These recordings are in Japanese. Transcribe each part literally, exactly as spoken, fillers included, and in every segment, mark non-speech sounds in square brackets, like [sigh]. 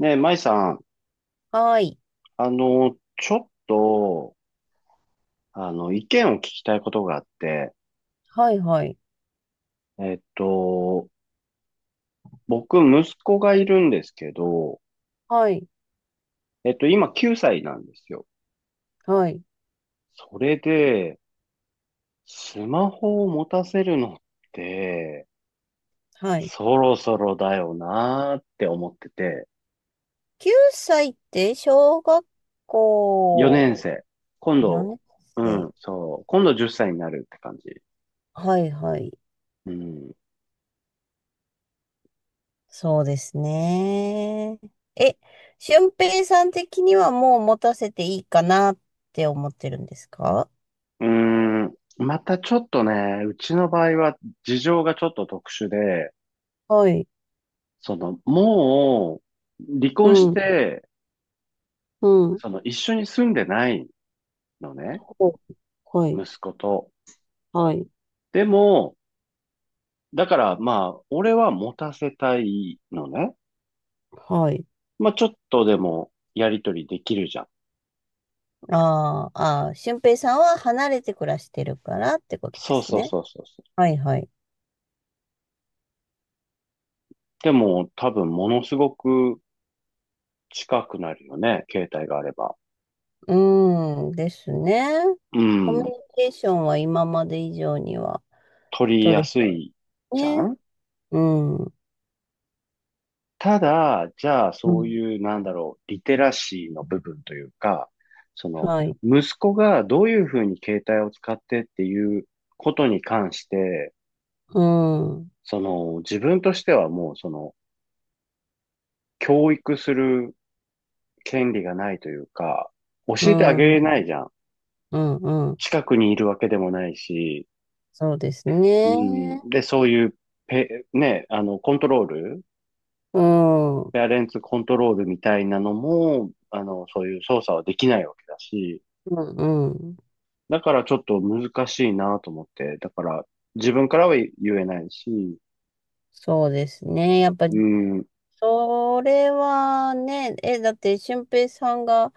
ねえ、舞さん、はい。あの、ちょっと、あの、意見を聞きたいことがあって、はい、はい。えっと、僕、息子がいるんですけど、はい、えっと、今きゅうさいなんですよ。はい、それで、スマホを持たせるのって、はい。そろそろだよなーって思ってて、きゅうさいって小学校よねん生。今よ度、ねう年ん、生。そう、今度じゅっさいになるって感じ。はい、はい。うん。そうですね。え、俊平さん的にはもう持たせていいかなって思ってるんですか？うーん、またちょっとね、うちの場合は事情がちょっと特殊で、はい。その、もう、離婚しうん、て、うん。その、一緒に住んでないのね、こ、はい、息子と。はい、でも、だからまあ、俺は持たせたいのね。はい。まあ、ちょっとでも、やりとりできるじゃん。あーあー、俊平さんは離れて暮らしてるからってことでそうすそうね。そうそうそう。はい、はい。でも、多分、ものすごく近くなるよね、携帯があれば。うんですね。うコミュニん、ケーションは今まで以上には取りや取れすそうでいすじゃね。ん。うん。ただ、じゃあ、うそうん。いう、なんだろう、リテラシーの部分というか、その、はい。息子がどういうふうに携帯を使ってっていうことに関して、うん。うその、自分としてはもう、その、教育する権利がないというか、教えてあげれん。ないじゃん。うん。うん。近くにいるわけでもないし、そうですうん。ね。で、そういうペ、ね、あの、コントロール、うん。うん。ペアレンツコントロールみたいなのも、あの、そういう操作はできないわけだし、うん。だからちょっと難しいなと思って、だから自分からは言えないし、そうですね。やっぱうり、ん。それはね、え、だって、俊平さんが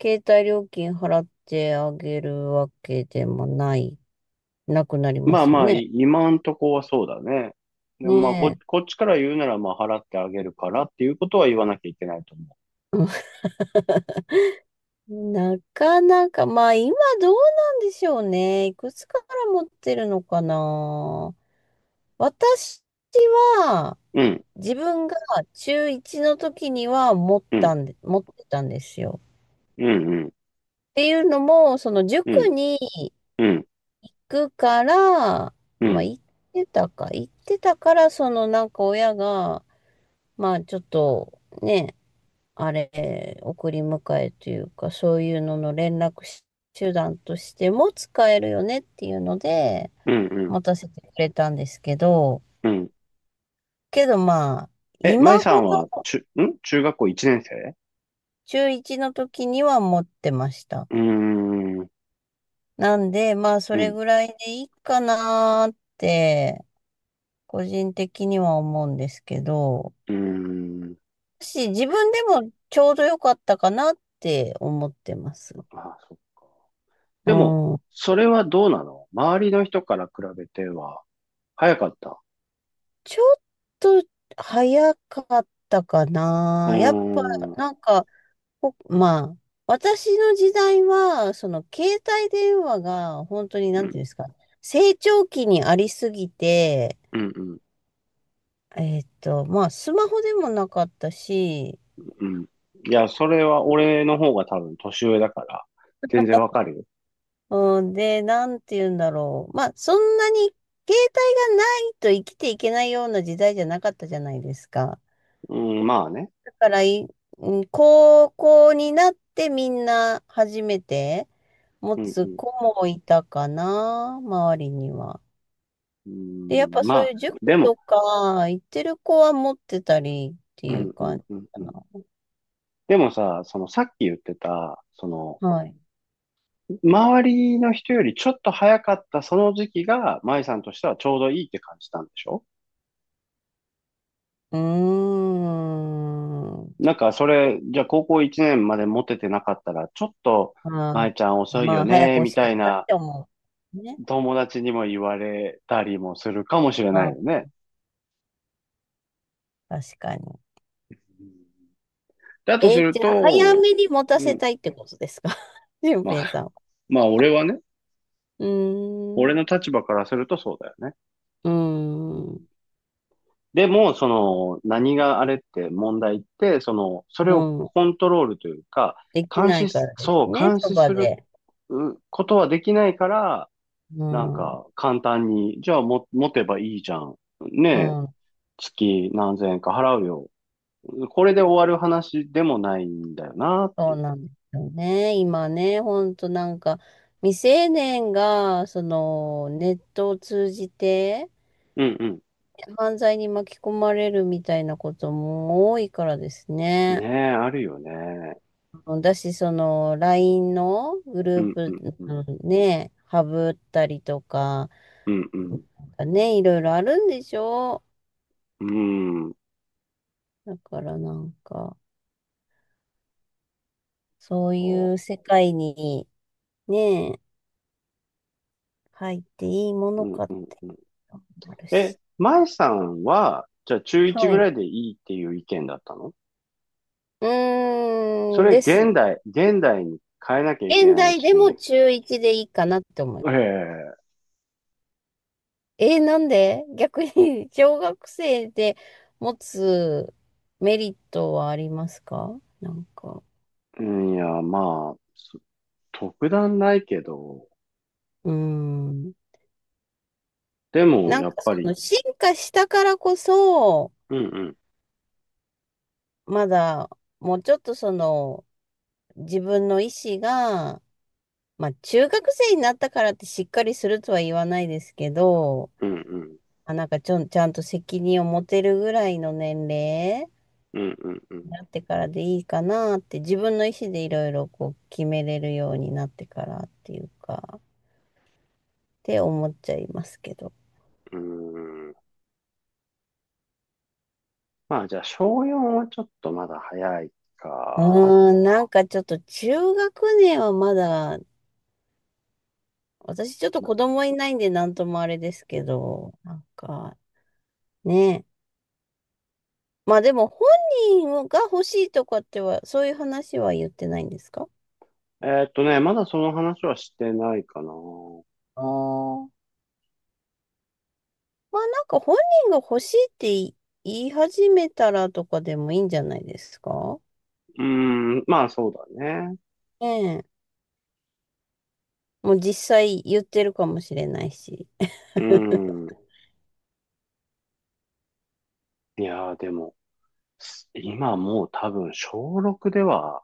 携帯料金払ってあげるわけでもない、なくなりままあすよまあ、ね。い今んとこはそうだね。でもまあこ、ね、こっちから言うなら、まあ、払ってあげるからっていうことは言わなきゃいけないと思なかなか、まあ今どうなんでしょうね。いくつかから持ってるのかな。私はう。うん、自分が中いちの時には持っうたん、んで、持ってたんですよ。うん、うん、っていうのも、そのう塾ん、に行うん、くから、まうあん、行ってたか、行ってたから、そのなんか親が、まあちょっとね、あれ、送り迎えというか、そういうのの連絡手段としても使えるよねっていうので、うん、持たせてくれたんですけど、うん。けどまあ、え、今舞さほんは、ど中、ん中学校いちねん生？中いちの時には持ってました。うーん、うん、なんで、まあ、それうぐらいでいいかなーって、個人的には思うんですけど、ーん。し、自分でもちょうど良かったかなって思ってます。あ、そっか。うでも、ん。それはどうなの？周りの人から比べては、早かった？ちょっと早かったかうーな。やっぱ、ん、うん、なんか、ほまあ、私の時代は、その携帯電話が本当に、なんていうんですか、成長期にありすぎて、うん、うん。えーっと、まあ、スマホでもなかったし、うん、いや、それは俺の方が多分年上だから、全然わかるよ。うんで、なんていうんだろう。まあ、そんなに携帯がないと生きていけないような時代じゃなかったじゃないですか。うん、まあね。だからい、うん、高校になってみんな初めて、持うん、うつん、子もいたかな、周りには。うで、やっん。ぱまそういあ、う塾でも、とか行ってる子は持ってたりってういうん、うん、感じうん、かうん。な。でもさ、そのさっき言ってた、その、はい。周りの人よりちょっと早かったその時期が、舞さんとしてはちょうどいいって感じたんでしょ？うーん。なんかそれ、じゃあ高校いちねんまでモテてなかったら、ちょっと、舞まちゃんあ、遅いまよあ、早くね、欲みしかたっいたっなて思う。ね。友達にも言われたりもするかもしれうないん、よね。確かに。だとえすーるじゃあ、早と、めに持たうせん、たいってことですか？ [laughs] 俊ま平さあ、んは。まあ俺はね、うー俺ん。の立場からするとそうだよね。うーうん、ん。でも、その、何があれって問題って、その、それうをん。コントロールというか、でき監ない視かす、らですそう、ね、監そ視ばするで。うことはできないから、うなんん。か、簡単に、じゃあも、持てばいいじゃん。ねうえ、ん。月何千円か払うよ。これで終わる話でもないんだよなっそうて。なんですよね。今ね、ほんとなんか、未成年が、その、ネットを通じて、うん犯罪に巻き込まれるみたいなことも多いからですうん。ね。ねえ、あるよね。だし、その、ライン のグルうーんうプ、んうんうんね、ハブったりとか、うんうん。ね、いろいろあるんでしょ？うん、だからなんか、そうそいう世界に、ね、入っていいものう。うんかっうんて、うん。あるえ、し。舞さんは、じゃあ中いちはぐらい。いでいいっていう意見だったの？うそーん、れです。現代、現代に変えなきゃいけ現ない代でもし、中いちでいいかなって思う。ええ、えーなんで逆に [laughs] 小学生で持つメリットはありますか？なんか、うん、いや、まあ、そ特段ないけど、うーん。でもなんやかっそぱのり、進化したからこそ、うんうん、まだもうちょっとその自分の意思が、まあ中学生になったからってしっかりするとは言わないですけど、うんうん、あ、なんかちょん、ちゃんと責任を持てるぐらいの年齢うんうんうなってからでいいかなって、自分の意思でいろいろこう決めれるようになってからっていうかって思っちゃいますけど。ん、うん。まあじゃあ小よんはちょっとまだ早いうか。ーん、なんかちょっと中学年はまだ、私ちょっと子供いないんでなんともあれですけど、なんかね。まあでも本人が欲しいとかってはそういう話は言ってないんですか？えーっとね、まだその話はしてないかな。うああー。まあなんか本人が欲しいって言い言い始めたらとかでもいいんじゃないですか？ーん、まあそうだね。ええ。もう実際言ってるかもしれないし。うーん。いやーでも、す今もう多分小ろくでは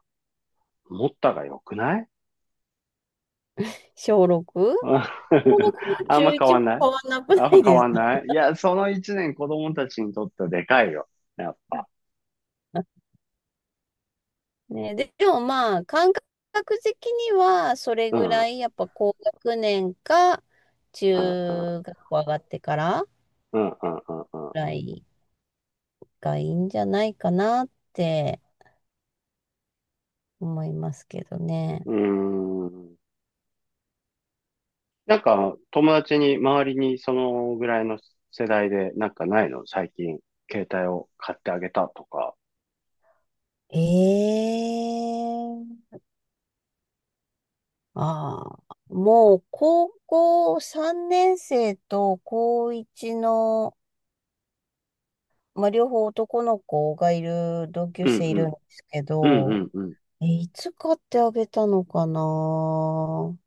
持ったが良くない？小 ろく？ うん。 小 [laughs] ろくもあん中ま変いちわもんない、変わんなくあんなまい変ですわんか？ ない。いや、そのいちねん子供たちにとってはでかいよ。やっぱ。[laughs] ね、で、でもまあ、感覚的には、それうぐん、うらん、い、やっぱ高学年か、うん、中学校上がってからぐうん、うん、らいがいいんじゃないかなって思いますけどね。うん、うん。うーん。なんか、友達に、周りにそのぐらいの世代で、なんかないの最近、携帯を買ってあげたとか？ええ、ああ、もう高校さんねん生と高いちの、まあ、両方男の子がいる同級うん生いうるんん。ですけうんうど、んうん。え、いつ買ってあげたのかな？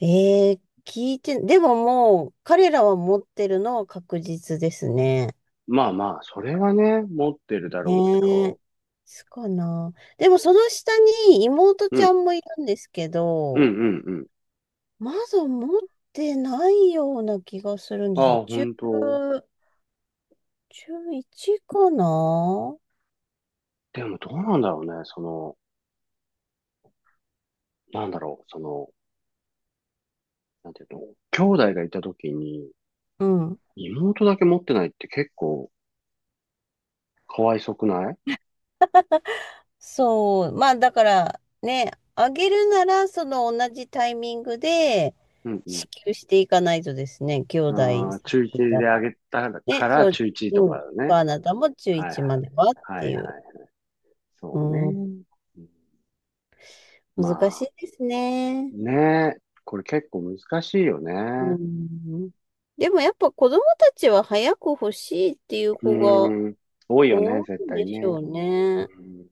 えー聞いて、でももう、彼らは持ってるのは確実ですね。まあまあ、それはね、持ってるだろうけねえ。ど。すかな。でもその下に妹うちゃん。んもいるんですけうんうんど、うん。まだ持ってないような気がするんです。ああ、中、本当？中いちかな。でもどうなんだろうね。その、なんだろう。その、なんていうの、兄弟がいた時に、うん。妹だけ持ってないって結構かわいそくない？そう、まあだからね、あげるならその同じタイミングでうんうん。支給していかないとですね、兄あ弟さんにあ、中いちいたであら。げたかね、らそう、中いちとうかん、だね。あなたも中はいはいちまでい。はっはいてはいう。い。うそうね。ん、うん、ま難しいあ、ですね。ね。これ結構難しいようね。ん、でもやっぱ子供たちは早く欲しいっていうう子がん。多いよね、多い絶んで対しょね。うね。うん。